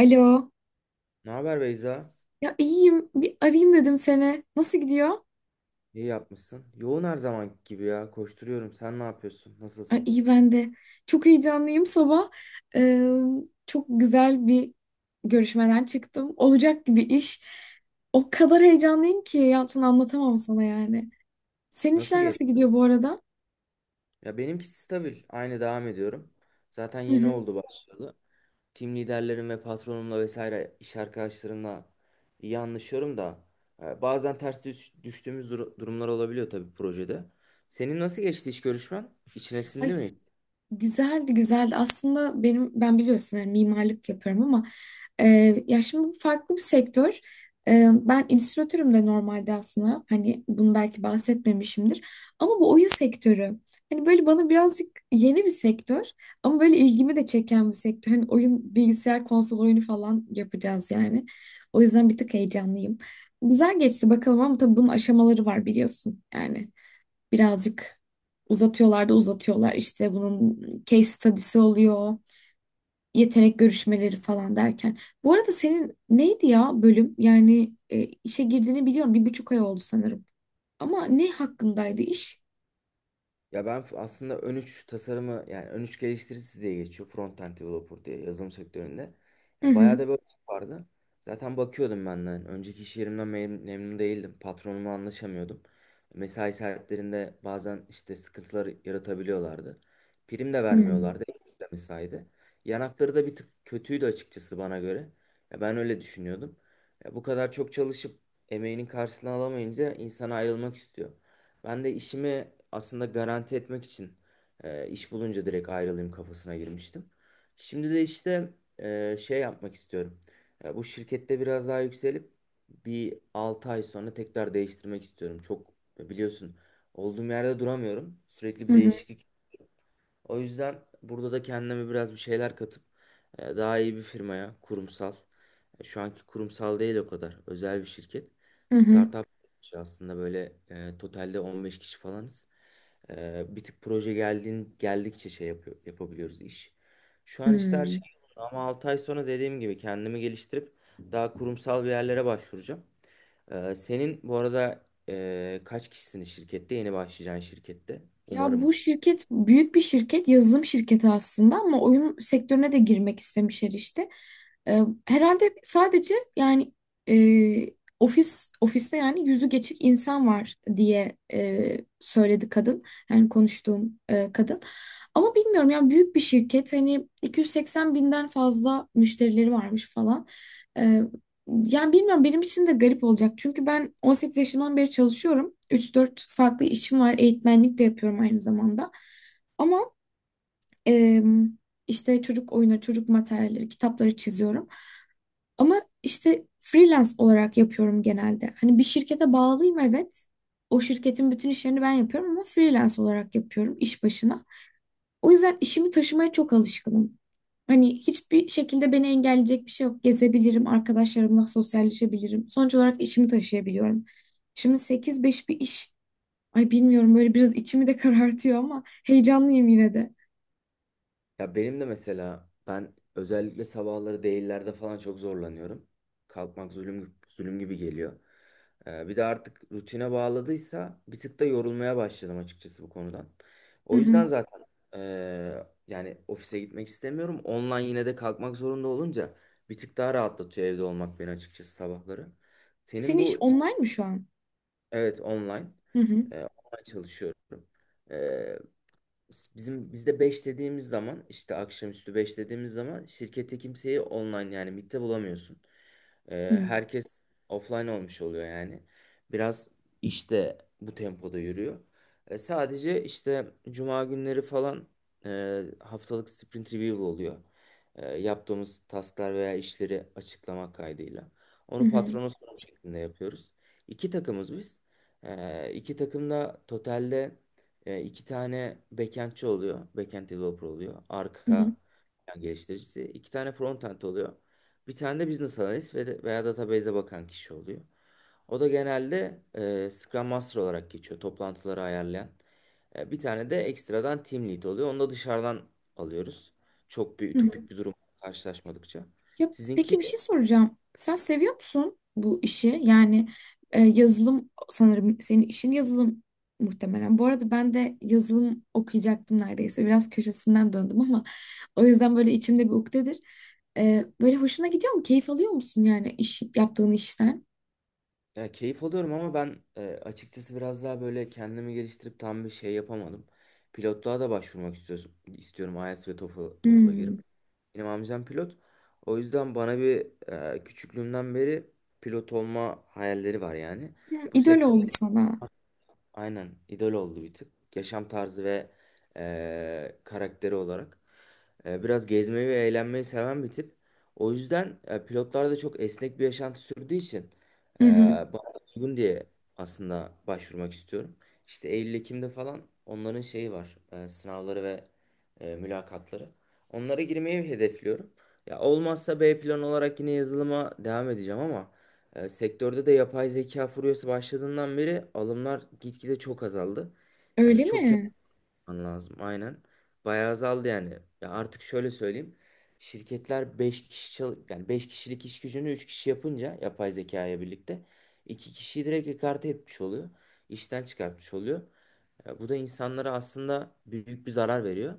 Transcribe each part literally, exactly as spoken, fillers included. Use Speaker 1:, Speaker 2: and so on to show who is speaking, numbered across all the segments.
Speaker 1: Alo.
Speaker 2: Ne haber Beyza?
Speaker 1: Ya iyiyim. Bir arayayım dedim seni. Nasıl gidiyor?
Speaker 2: İyi yapmışsın. Yoğun her zaman gibi ya. Koşturuyorum. Sen ne yapıyorsun?
Speaker 1: Ay,
Speaker 2: Nasılsın?
Speaker 1: iyi ben de. Çok heyecanlıyım sabah. Ee, çok güzel bir görüşmeden çıktım. Olacak gibi iş. O kadar heyecanlıyım ki Yalçın anlatamam sana yani. Senin
Speaker 2: Nasıl
Speaker 1: işler nasıl
Speaker 2: geçti?
Speaker 1: gidiyor bu arada?
Speaker 2: Ya benimkisi stabil. Aynı devam ediyorum. Zaten
Speaker 1: Hı
Speaker 2: yeni
Speaker 1: hı.
Speaker 2: oldu başladı. Team liderlerim ve patronumla vesaire iş arkadaşlarımla iyi anlaşıyorum da e, bazen ters düş- düştüğümüz dur- durumlar olabiliyor tabii projede. Senin nasıl geçti iş görüşmen? İçine sindi
Speaker 1: Ay,
Speaker 2: mi?
Speaker 1: güzeldi güzeldi. Aslında benim ben biliyorsun yani mimarlık yapıyorum ama e, ya şimdi bu farklı bir sektör. E, ben illüstratörüm de normalde aslında hani bunu belki bahsetmemişimdir. Ama bu oyun sektörü hani böyle bana birazcık yeni bir sektör ama böyle ilgimi de çeken bir sektör. Hani oyun bilgisayar konsol oyunu falan yapacağız yani. O yüzden bir tık heyecanlıyım. Güzel geçti bakalım ama tabii bunun aşamaları var biliyorsun yani birazcık uzatıyorlar da uzatıyorlar. İşte bunun case study'si oluyor, yetenek görüşmeleri falan derken. Bu arada senin neydi ya bölüm? Yani e, işe girdiğini biliyorum. Bir buçuk ay oldu sanırım. Ama ne hakkındaydı iş?
Speaker 2: Ya ben f- aslında ön üç tasarımı yani ön üç geliştiricisi diye geçiyor. Front-end developer diye yazılım sektöründe.
Speaker 1: Hı
Speaker 2: Ya
Speaker 1: hı.
Speaker 2: bayağı da böyle tip vardı. Zaten bakıyordum ben de, hani önceki iş yerimden mem- memnun değildim. Patronumla anlaşamıyordum. Mesai saatlerinde bazen işte sıkıntılar yaratabiliyorlardı. Prim de
Speaker 1: Hı hı.
Speaker 2: vermiyorlardı. Ekstra mesaiydi. Yanakları da bir tık kötüydü açıkçası bana göre. Ya ben öyle düşünüyordum. Ya bu kadar çok çalışıp emeğinin karşılığını alamayınca insan ayrılmak istiyor. Ben de işimi aslında garanti etmek için e, iş bulunca direkt ayrılayım kafasına girmiştim. Şimdi de işte e, şey yapmak istiyorum. E, bu şirkette biraz daha yükselip bir altı ay sonra tekrar değiştirmek istiyorum. Çok e, biliyorsun, olduğum yerde duramıyorum. Sürekli
Speaker 1: Hı
Speaker 2: bir
Speaker 1: hı.
Speaker 2: değişiklik, o yüzden burada da kendime biraz bir şeyler katıp e, daha iyi bir firmaya, kurumsal, e, şu anki kurumsal değil o kadar, özel bir şirket.
Speaker 1: Hı hı.
Speaker 2: Startup aslında, böyle e, totalde on beş kişi falanız. E, bir tık proje geldiğin, geldikçe şey yapıyor, yapabiliyoruz iş. Şu an işte her
Speaker 1: Hı.
Speaker 2: şey yolunda ama altı ay sonra dediğim gibi kendimi geliştirip daha kurumsal bir yerlere başvuracağım. E, senin bu arada e, kaç kişisin şirkette? Yeni başlayacağın şirkette.
Speaker 1: Ya
Speaker 2: Umarım.
Speaker 1: bu şirket büyük bir şirket, yazılım şirketi aslında ama oyun sektörüne de girmek istemişler işte. Ee, Herhalde sadece yani e, ofis ofiste yani yüzü geçik insan var diye e, söyledi kadın. Yani konuştuğum e, kadın. Ama bilmiyorum yani büyük bir şirket hani iki yüz seksen binden fazla müşterileri varmış falan. Yani bilmiyorum benim için de garip olacak. Çünkü ben on sekiz yaşından beri çalışıyorum. üç dört farklı işim var. Eğitmenlik de yapıyorum aynı zamanda. Ama eee, işte çocuk oyunları, çocuk materyalleri, kitapları çiziyorum. Ama işte freelance olarak yapıyorum genelde. Hani bir şirkete bağlıyım evet. O şirketin bütün işlerini ben yapıyorum ama freelance olarak yapıyorum iş başına. O yüzden işimi taşımaya çok alışkınım. Hani hiçbir şekilde beni engelleyecek bir şey yok. Gezebilirim, arkadaşlarımla sosyalleşebilirim. Sonuç olarak işimi taşıyabiliyorum. Şimdi sekiz beş bir iş. Ay bilmiyorum böyle biraz içimi de karartıyor ama heyecanlıyım yine de.
Speaker 2: Ya benim de mesela ben özellikle sabahları değillerde falan çok zorlanıyorum. Kalkmak zulüm, zulüm gibi geliyor. Ee, bir de artık rutine bağladıysa bir tık da yorulmaya başladım açıkçası bu konudan.
Speaker 1: Hı
Speaker 2: O yüzden
Speaker 1: hı.
Speaker 2: zaten eee, yani ofise gitmek istemiyorum. Online yine de kalkmak zorunda olunca bir tık daha rahatlatıyor evde olmak beni açıkçası sabahları. Senin
Speaker 1: Senin iş
Speaker 2: bu
Speaker 1: online mı şu an?
Speaker 2: evet online.
Speaker 1: Hı hı.
Speaker 2: Ee, online çalışıyorum. Bizim bizde beş dediğimiz zaman, işte akşamüstü beş dediğimiz zaman şirkette kimseyi online yani mitte bulamıyorsun.
Speaker 1: Hı
Speaker 2: Ee,
Speaker 1: hı.
Speaker 2: herkes offline olmuş oluyor yani. Biraz işte bu tempoda yürüyor. E, sadece işte cuma günleri falan e, haftalık sprint review oluyor. E, yaptığımız tasklar veya işleri açıklamak kaydıyla.
Speaker 1: Hı
Speaker 2: Onu
Speaker 1: hı.
Speaker 2: patrona sunum şeklinde yapıyoruz. İki takımız biz. E, iki takım da totalde e, iki tane backendçi oluyor. Backend developer oluyor.
Speaker 1: Hı
Speaker 2: Arka plan geliştiricisi. İki tane frontend oluyor. Bir tane de business analyst ve de- veya database'e bakan kişi oluyor. O da genelde e, Scrum Master olarak geçiyor. Toplantıları ayarlayan. E, bir tane de ekstradan team lead oluyor. Onu da dışarıdan alıyoruz. Çok bir
Speaker 1: hı.
Speaker 2: ütopik bir durum karşılaşmadıkça.
Speaker 1: Ya
Speaker 2: Sizinki.
Speaker 1: peki bir şey soracağım. Sen seviyor musun bu işi? Yani e, yazılım sanırım senin işin yazılım muhtemelen. Bu arada ben de yazılım okuyacaktım neredeyse. Biraz köşesinden döndüm ama o yüzden böyle içimde bir ukdedir. E, böyle hoşuna gidiyor mu? Keyif alıyor musun yani iş yaptığın işten?
Speaker 2: Ya keyif alıyorum ama ben e, açıkçası biraz daha böyle kendimi geliştirip tam bir şey yapamadım. Pilotluğa da başvurmak istiyorum, istiyorum, IELTS ve TOEFL, TOEFL'a girip.
Speaker 1: Hmm.
Speaker 2: Benim amcam pilot. O yüzden bana bir, e, küçüklüğümden beri pilot olma hayalleri var yani.
Speaker 1: Hmm,
Speaker 2: Bu
Speaker 1: İdol
Speaker 2: sektör
Speaker 1: oldu sana.
Speaker 2: aynen idol oldu bir tık. Yaşam tarzı ve eee, karakteri olarak. Eee, biraz gezmeyi ve eğlenmeyi seven bir tip. O yüzden e, pilotlar da çok esnek bir yaşantı sürdüğü için
Speaker 1: Hı hı.
Speaker 2: eee bana uygun diye aslında başvurmak istiyorum. İşte Eylül-Ekim'de falan onların şeyi var. E, sınavları ve e, mülakatları. Onlara girmeyi hedefliyorum. Ya olmazsa B plan olarak yine yazılıma devam edeceğim ama e, sektörde de yapay zeka furyası başladığından beri alımlar gitgide çok azaldı. Yani
Speaker 1: Öyle
Speaker 2: çok kere
Speaker 1: mi?
Speaker 2: yapman lazım aynen. Bayağı azaldı yani. Ya artık şöyle söyleyeyim. Şirketler beş kişi çal- yani beş kişilik iş gücünü üç kişi yapınca yapay zekaya birlikte iki kişiyi direkt ekarte etmiş oluyor. İşten çıkartmış oluyor. Ya bu da insanlara aslında büyük bir zarar veriyor.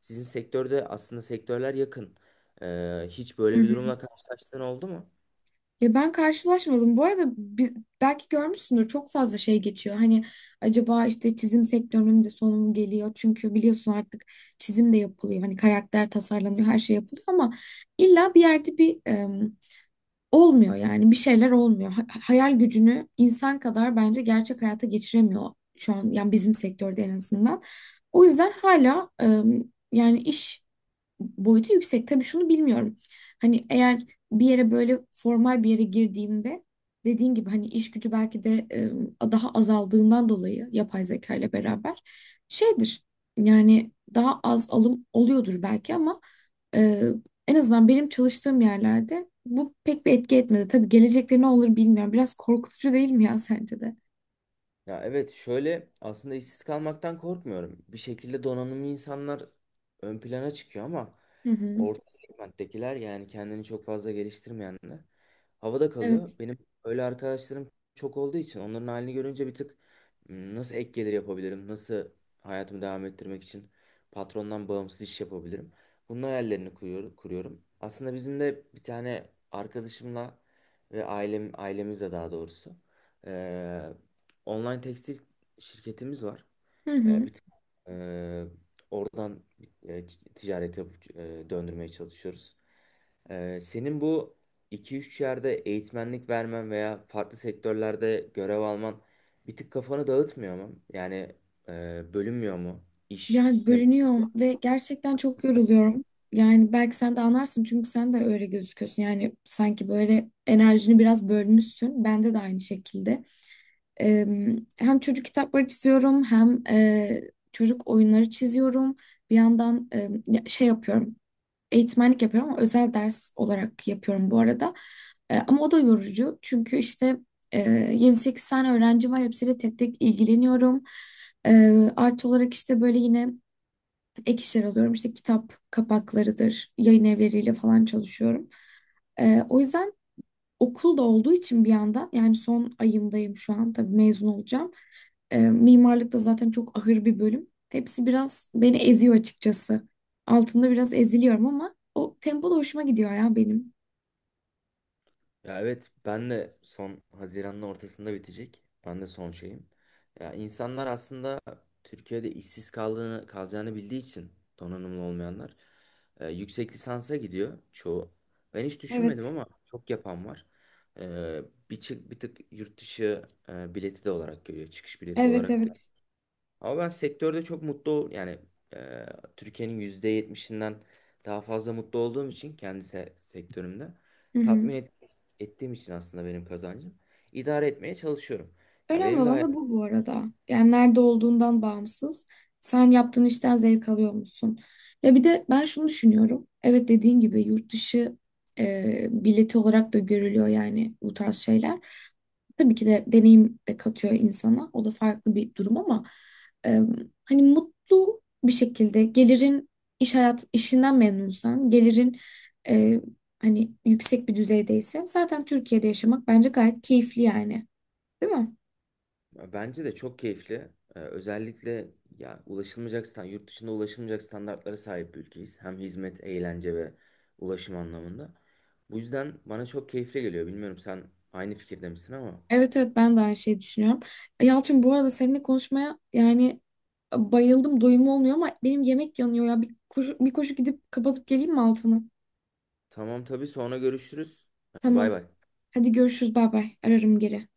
Speaker 2: Sizin sektörde aslında sektörler yakın. E, hiç
Speaker 1: Hı
Speaker 2: böyle bir
Speaker 1: hı.
Speaker 2: durumla karşılaştığın oldu mu?
Speaker 1: Ya ben karşılaşmadım. Bu arada biz, belki görmüşsündür çok fazla şey geçiyor. Hani acaba işte çizim sektörünün de sonu mu geliyor? Çünkü biliyorsun artık çizim de yapılıyor. Hani karakter tasarlanıyor, her şey yapılıyor ama illa bir yerde bir olmuyor yani bir şeyler olmuyor. Ha- hayal gücünü insan kadar bence gerçek hayata geçiremiyor şu an yani bizim sektörde en azından. O yüzden hala e, yani iş boyutu yüksek. Tabii şunu bilmiyorum. Hani eğer bir yere böyle formal bir yere girdiğimde dediğin gibi hani iş gücü belki de e, daha azaldığından dolayı yapay zeka ile beraber şeydir. Yani daha az alım oluyordur belki ama e, en azından benim çalıştığım yerlerde bu pek bir etki etmedi. Tabii gelecekte ne olur bilmiyorum. Biraz korkutucu değil mi ya sence de?
Speaker 2: Ya evet, şöyle, aslında işsiz kalmaktan korkmuyorum. Bir şekilde donanımlı insanlar ön plana çıkıyor ama
Speaker 1: Hı hı.
Speaker 2: orta segmenttekiler yani kendini çok fazla geliştirmeyenler havada
Speaker 1: Evet.
Speaker 2: kalıyor. Benim öyle arkadaşlarım çok olduğu için onların halini görünce bir tık, "Hmm, nasıl ek gelir yapabilirim, nasıl hayatımı devam ettirmek için patrondan bağımsız iş yapabilirim." Bunun hayallerini kuruyorum. kuruyorum. Aslında bizim de bir tane arkadaşımla ve ailem, ailemizle daha doğrusu eee, online tekstil şirketimiz var.
Speaker 1: Hı
Speaker 2: Eee,
Speaker 1: hı.
Speaker 2: bir tık, eee, oradan e, t- ticaret yapıp e, döndürmeye çalışıyoruz. E, senin bu iki üç yerde eğitmenlik vermen veya farklı sektörlerde görev alman bir tık kafanı dağıtmıyor mu? Yani e, bölünmüyor mu iş.
Speaker 1: Yani bölünüyorum ve gerçekten çok yoruluyorum. Yani belki sen de anlarsın çünkü sen de öyle gözüküyorsun. Yani sanki böyle enerjini biraz bölmüşsün. Bende de aynı şekilde. Ee, Hem çocuk kitapları çiziyorum hem e, çocuk oyunları çiziyorum. Bir yandan e, ya- şey yapıyorum. Eğitmenlik yapıyorum ama özel ders olarak yapıyorum bu arada. E, ama o da yorucu çünkü işte e, yedi sekiz tane öğrencim var. Hepsiyle tek tek ilgileniyorum. E, Artı olarak işte böyle yine ek işler alıyorum. İşte kitap kapaklarıdır, yayın evleriyle falan çalışıyorum. Ee, o yüzden okul da olduğu için bir yandan yani son ayımdayım şu an tabii mezun olacağım. Ee, mimarlık da zaten çok ahır bir bölüm. Hepsi biraz beni eziyor açıkçası. Altında biraz eziliyorum ama o tempo da hoşuma gidiyor ya benim.
Speaker 2: Ya evet ben de son Haziran'ın ortasında bitecek. Ben de son şeyim. Ya insanlar aslında Türkiye'de işsiz kaldığını, kalacağını bildiği için donanımlı olmayanlar e, yüksek lisansa gidiyor çoğu. Ben hiç düşünmedim
Speaker 1: Evet,
Speaker 2: ama çok yapan var. E, bir, çı- Bir tık yurt dışı e, bileti de olarak görüyor. Çıkış bileti
Speaker 1: evet,
Speaker 2: olarak da,
Speaker 1: evet.
Speaker 2: ama ben sektörde çok mutlu ol yani e, Türkiye'nin yüzde yetmişinden daha fazla mutlu olduğum için kendi se- sektörümde
Speaker 1: Hı hı.
Speaker 2: tatmin et- ettiğim için aslında benim kazancım idare etmeye çalışıyorum. Ya
Speaker 1: Önemli
Speaker 2: benim de
Speaker 1: olan da
Speaker 2: hayatım
Speaker 1: bu, bu arada. Yani nerede olduğundan bağımsız. Sen yaptığın işten zevk alıyor musun? Ya bir de ben şunu düşünüyorum. Evet dediğin gibi yurt dışı e, bileti olarak da görülüyor yani bu tarz şeyler. Tabii ki de deneyim de katıyor insana. O da farklı bir durum ama e, hani mutlu bir şekilde gelirin iş hayat işinden memnunsan, gelirin e, hani yüksek bir düzeydeyse zaten Türkiye'de yaşamak bence gayet keyifli yani. Değil mi?
Speaker 2: bence de çok keyifli. E, özellikle ya ulaşılmayacak stan- yurt dışında ulaşılmayacak standartlara sahip bir ülkeyiz. Hem hizmet, eğlence ve ulaşım anlamında. Bu yüzden bana çok keyifli geliyor. Bilmiyorum sen aynı fikirde misin ama.
Speaker 1: Evet evet ben de aynı şeyi düşünüyorum. Yalçın bu arada seninle konuşmaya yani bayıldım doyum olmuyor ama benim yemek yanıyor ya. Bir koşu, bir koşu gidip kapatıp geleyim mi altını?
Speaker 2: Tamam tabii, sonra görüşürüz. Bay
Speaker 1: Tamam.
Speaker 2: bay.
Speaker 1: Hadi görüşürüz bay bay. Ararım geri.